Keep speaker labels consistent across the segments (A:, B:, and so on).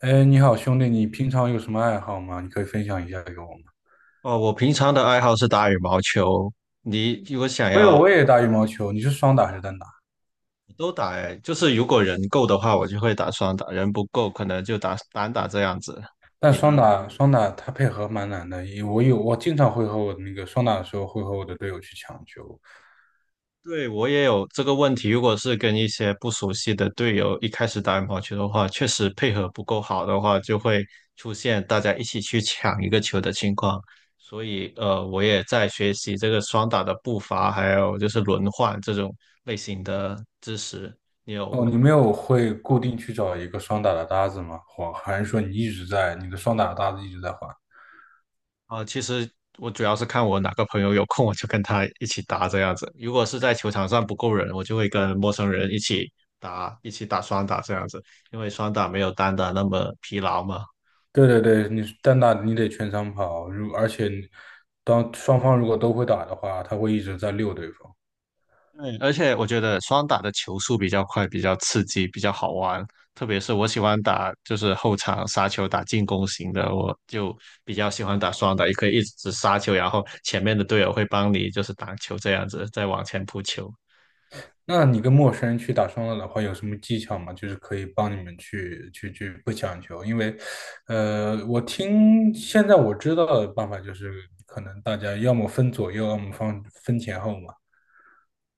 A: 哎，你好，兄弟，你平常有什么爱好吗？你可以分享一下给我吗？
B: 哦，我平常的爱好是打羽毛球。你如果想
A: 我有，
B: 要，
A: 我也打羽毛球。你是双打还是单打？
B: 都打诶，就是如果人够的话，我就会打双打；人不够，可能就打单打这样子。
A: 但
B: 你
A: 双
B: 呢？
A: 打双打它配合蛮难的，因为我经常会和我的那个双打的时候会和我的队友去抢球。
B: 对，我也有这个问题。如果是跟一些不熟悉的队友一开始打羽毛球的话，确实配合不够好的话，就会出现大家一起去抢一个球的情况。所以，我也在学习这个双打的步伐，还有就是轮换这种类型的知识。你有
A: 哦，你没有会固定去找一个双打的搭子吗？或还是说你一直在你的双打的搭子一直在换？
B: 啊、其实我主要是看我哪个朋友有空，我就跟他一起打这样子。如果是在球场上不够人，我就会跟陌生人一起打，一起打双打这样子，因为双打没有单打那么疲劳嘛。
A: 对对对，你是单打你得全场跑，如而且你当双方如果都会打的话，他会一直在溜对方。
B: 对，而且我觉得双打的球速比较快，比较刺激，比较好玩。特别是我喜欢打就是后场杀球打进攻型的，我就比较喜欢打双打，也可以一直杀球，然后前面的队友会帮你就是挡球这样子，再往前扑球。
A: 那你跟陌生人去打双打的话，有什么技巧吗？就是可以帮你们去不抢球，因为，我听现在我知道的办法就是，可能大家要么分左右，要么分前后嘛，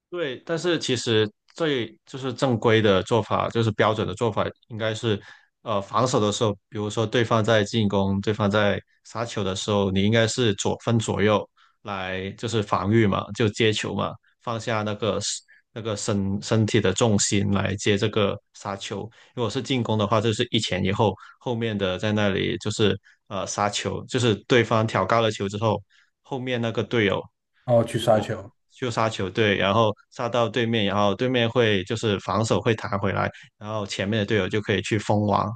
B: 对，但是其实最就是正规的做法，就是标准的做法，应该是，防守的时候，比如说对方在进攻，对方在杀球的时候，你应该是左分左右来就是防御嘛，就接球嘛，放下那个 那个身体的重心来接这个杀球。如果是进攻的话，就是一前一后，后面的在那里就是杀球，就是对方挑高了球之后，后面那个队友。
A: 然后去杀球。
B: 就杀球队，然后杀到对面，然后对面会就是防守会弹回来，然后前面的队友就可以去封网，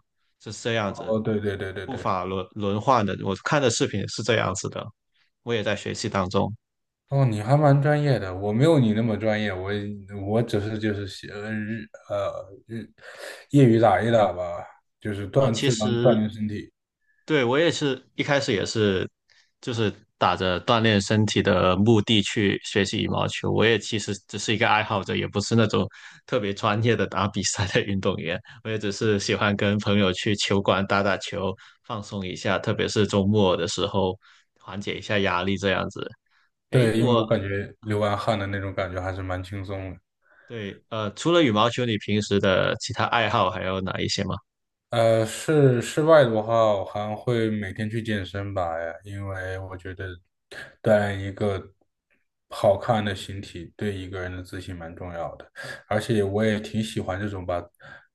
B: 是这样子，
A: 哦，对对对对
B: 步
A: 对。
B: 法轮换的。我看的视频是这样子的，我也在学习当中。
A: 哦，你还蛮专业的，我没有你那么专业，我只是就是喜呃日呃日业余打一打吧，就是
B: 哦，其
A: 当锻
B: 实
A: 炼身体。
B: 对，我也是一开始也是，就是打着锻炼身体的目的去学习羽毛球。我也其实只是一个爱好者，也不是那种特别专业的打比赛的运动员。我也只是喜欢跟朋友去球馆打打球，放松一下，特别是周末的时候，缓解一下压力这样子。诶，
A: 对，因为
B: 我
A: 我感觉流完汗的那种感觉还是蛮轻松的。
B: 对，除了羽毛球，你平时的其他爱好还有哪一些吗？
A: 室外的话，我还会每天去健身吧，因为我觉得锻炼一个好看的形体，对一个人的自信蛮重要的。而且我也挺喜欢这种把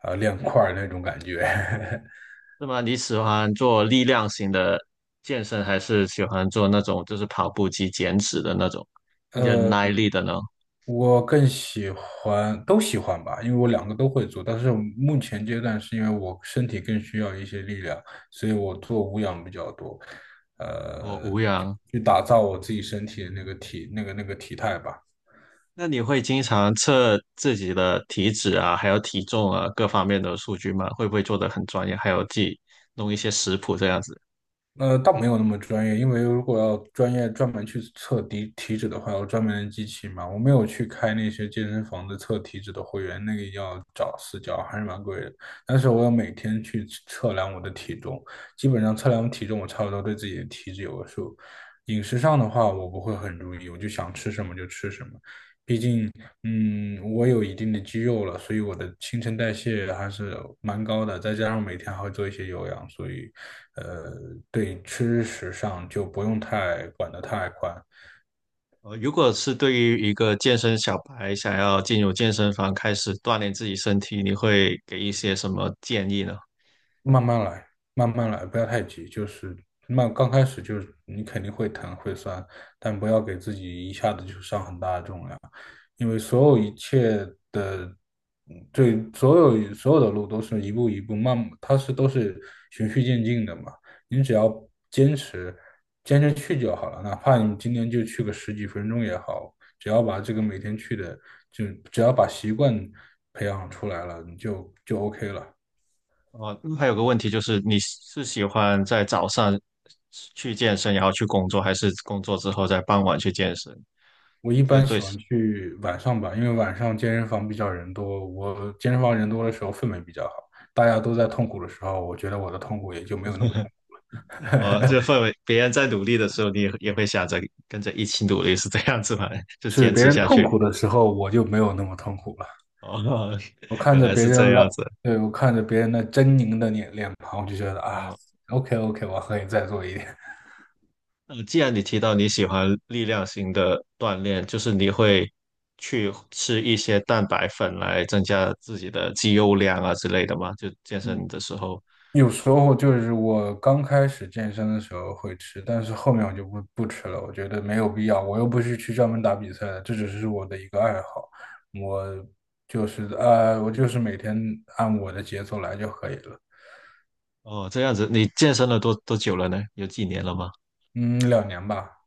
A: 练块儿那种感觉。
B: 那么你喜欢做力量型的健身，还是喜欢做那种就是跑步机减脂的那种 忍
A: 呃。
B: 耐力的呢？
A: 我更喜欢都喜欢吧，因为我两个都会做，但是目前阶段是因为我身体更需要一些力量，所以我做无氧比较多，
B: 哦，
A: 呃，
B: 无氧。
A: 去打造我自己身体的那个体态吧。
B: 那你会经常测自己的体脂啊，还有体重啊，各方面的数据吗？会不会做得很专业？还有自己弄一些食谱这样子？
A: 呃，倒没有那么专业，因为如果要专业专门去测体脂的话，要专门的机器嘛。我没有去开那些健身房的测体脂的会员，那个要找私教，还是蛮贵的。但是我要每天去测量我的体重，基本上测量体重，我差不多对自己的体脂有个数。饮食上的话，我不会很注意，我就想吃什么就吃什么。嗯，我有一定的肌肉了，所以我的新陈代谢还是蛮高的，再加上每天还会做一些有氧，所以，呃，对吃食上就不用太管得太宽。
B: 如果是对于一个健身小白想要进入健身房开始锻炼自己身体，你会给一些什么建议呢？
A: 慢慢来，慢慢来，不要太急，就是慢，刚开始就是你肯定会疼会酸，但不要给自己一下子就上很大的重量，因为所有一切。对，所有的路都是一步一步慢，都是循序渐进的嘛。你只要坚持，坚持去就好了。哪怕你今天就去个10几分钟也好，只要把这个每天去的，就只要把习惯培养出来了，你就 OK 了。
B: 哦，还有个问题就是，你是喜欢在早上去健身，然后去工作，还是工作之后在傍晚去健身？
A: 我一
B: 这个
A: 般喜
B: 对，
A: 欢去晚上吧，因为晚上健身房比较人多，我健身房人多的时候氛围比较好，大家都在痛苦的时候，我觉得我的痛苦也就没有那么痛
B: 哦，
A: 苦。
B: 这个氛围，别人在努力的时候，你也也会想着跟着一起努力，是这样子吗？就
A: 是
B: 坚
A: 别
B: 持
A: 人
B: 下
A: 痛
B: 去。
A: 苦的时候，我就没有那么痛苦了。
B: 哦，
A: 我 看
B: 原
A: 着
B: 来
A: 别
B: 是这
A: 人拉，
B: 样子。
A: 对，我看着别人那狰狞的脸庞，我就觉得啊
B: 哦，
A: ，OK OK，我可以再做一点。
B: 那既然你提到你喜欢力量型的锻炼，就是你会去吃一些蛋白粉来增加自己的肌肉量啊之类的吗？就健 身
A: 嗯，
B: 的时候。
A: 有时候就是我刚开始健身的时候会吃，但是后面我就不吃了，我觉得没有必要，我又不是去专门打比赛的，这只是我的一个爱好，我就是我就是每天按我的节奏来就可以了。
B: 哦，这样子，你健身了多久了呢？有几年了吗？
A: 嗯，2年吧。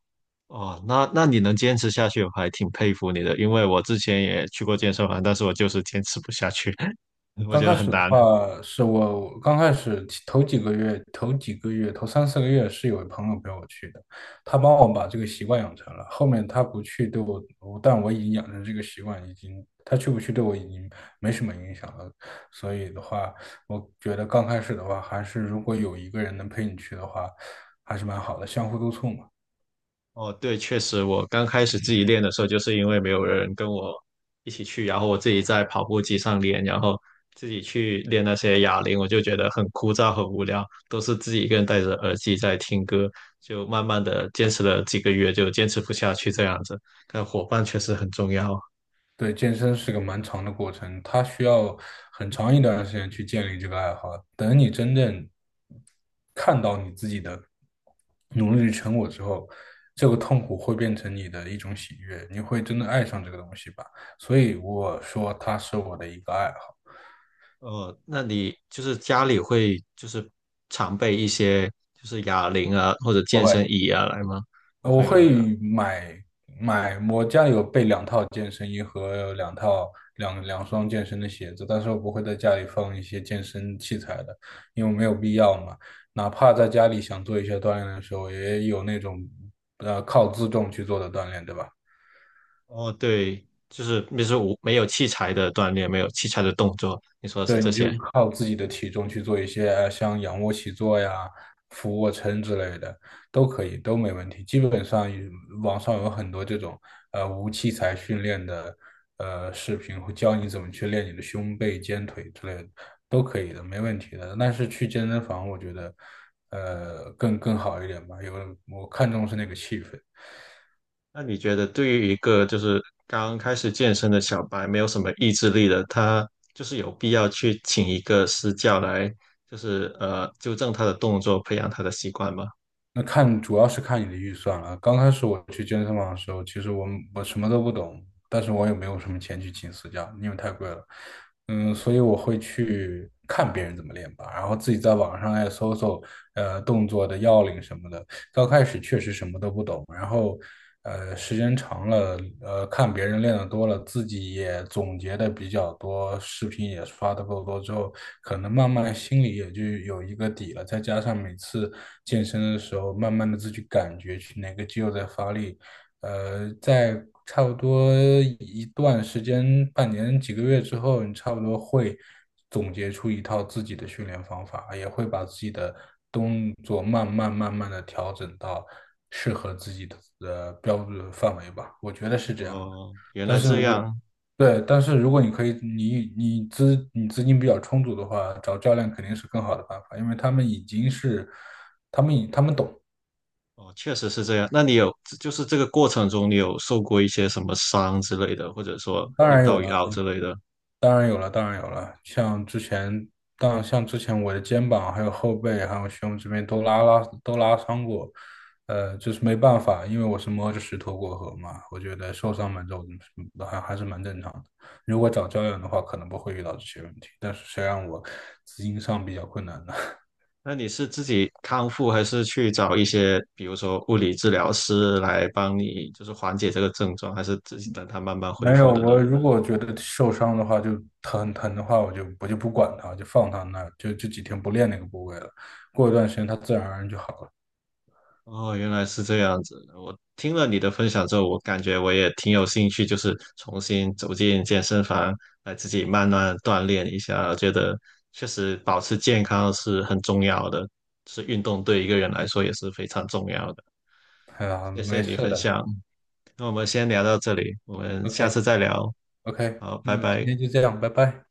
B: 哦，那那你能坚持下去，我还挺佩服你的。因为我之前也去过健身房，但是我就是坚持不下去，我
A: 刚
B: 觉
A: 开
B: 得很
A: 始的
B: 难。
A: 话，是我刚开始头几个月、头几个月、头3、4个月是有朋友陪我去的，他帮我把这个习惯养成了。后面他不去对我已经养成这个习惯，已经他去不去对我已经没什么影响了。所以的话，我觉得刚开始的话，还是如果有一个人能陪你去的话，还是蛮好的，相互督促嘛。
B: 哦，对，确实，我刚开始自己练的时候，就是因为没有人跟我一起去，然后我自己在跑步机上练，然后自己去练那些哑铃，我就觉得很枯燥、很无聊，都是自己一个人戴着耳机在听歌，就慢慢的坚持了几个月，就坚持不下去这样子。但伙伴确实很重要。
A: 对，健身是个蛮长的过程，它需要很长一段时间去建立这个爱好。等你真正看到你自己的努力的成果之后，这个痛苦会变成你的一种喜悦，你会真的爱上这个东西吧。所以我说它是我的一个爱好。
B: 哦，那你就是家里会就是常备一些就是哑铃啊或者
A: 不
B: 健身
A: 会。
B: 椅啊来吗？不
A: 我
B: 会吗？
A: 会买买，我家里有备2套健身衣和两套两两双健身的鞋子，但是我不会在家里放一些健身器材的，因为没有必要嘛。哪怕在家里想做一些锻炼的时候，也有那种靠自重去做的锻炼，对吧？
B: 哦，对，就是就是无没有器材的锻炼，没有器材的动作，你说的是
A: 对，
B: 这
A: 你
B: 些。
A: 就靠自己的体重去做一些像仰卧起坐呀、俯卧撑之类的，都可以，都没问题。基本上有网上有很多这种无器材训练的视频，会教你怎么去练你的胸背、肩腿之类的，都可以的，没问题的。但是去健身房，我觉得更好一点吧，有我看重是那个气氛。
B: 那你觉得对于一个就是刚开始健身的小白，没有什么意志力的，他就是有必要去请一个私教来，就是纠正他的动作，培养他的习惯吗？
A: 那看主要是看你的预算了。刚开始我去健身房的时候，其实我什么都不懂，但是我也没有什么钱去请私教，因为太贵了。嗯，所以我会去看别人怎么练吧，然后自己在网上也搜搜，呃，动作的要领什么的。刚开始确实什么都不懂，然后，时间长了，看别人练的多了，自己也总结的比较多，视频也刷的够多之后，可能慢慢心里也就有一个底了。再加上每次健身的时候，慢慢的自己感觉去哪个肌肉在发力。呃，在差不多一段时间，半年几个月之后，你差不多会总结出一套自己的训练方法，也会把自己的动作慢慢的调整到适合自己的标准范围吧。我觉得是这样的，
B: 哦，原
A: 但
B: 来
A: 是
B: 这
A: 我。
B: 样。
A: 对，但是如果你可以，你资金比较充足的话，找教练肯定是更好的办法，因为他们已经他们懂。
B: 哦，确实是这样。那你有，就是这个过程中，你有受过一些什么伤之类的，或者说
A: 当
B: 扭
A: 然有
B: 到
A: 了，
B: 腰之类的？
A: 当然有了，当然有了。像之前，像之前我的肩膀、还有后背、还有胸这边都拉伤过，呃，就是没办法，因为我是摸着石头过河嘛。我觉得受伤蛮重，的，嗯还是蛮正常的。如果找教练的话，可能不会遇到这些问题，但是谁让我资金上比较困难呢？
B: 那你是自己康复，还是去找一些，比如说物理治疗师来帮你，就是缓解这个症状，还是自己等它慢慢
A: 没
B: 恢复
A: 有，
B: 的呢？
A: 我如果觉得受伤的话，就疼的话，我就不管它，就放它那儿，就几天不练那个部位了。过一段时间，它自然而然就好了。
B: 哦，原来是这样子。我听了你的分享之后，我感觉我也挺有兴趣，就是重新走进健身房，来自己慢慢锻炼一下。我觉得确实保持健康是很重要的，是运动对一个人来说也是非常重要的。
A: 哎呀，
B: 谢谢
A: 没
B: 你
A: 事
B: 分
A: 的。
B: 享，那我们先聊到这里，我们
A: OK
B: 下次再聊。
A: OK，
B: 好，拜
A: 那今
B: 拜。
A: 天就这样，拜拜。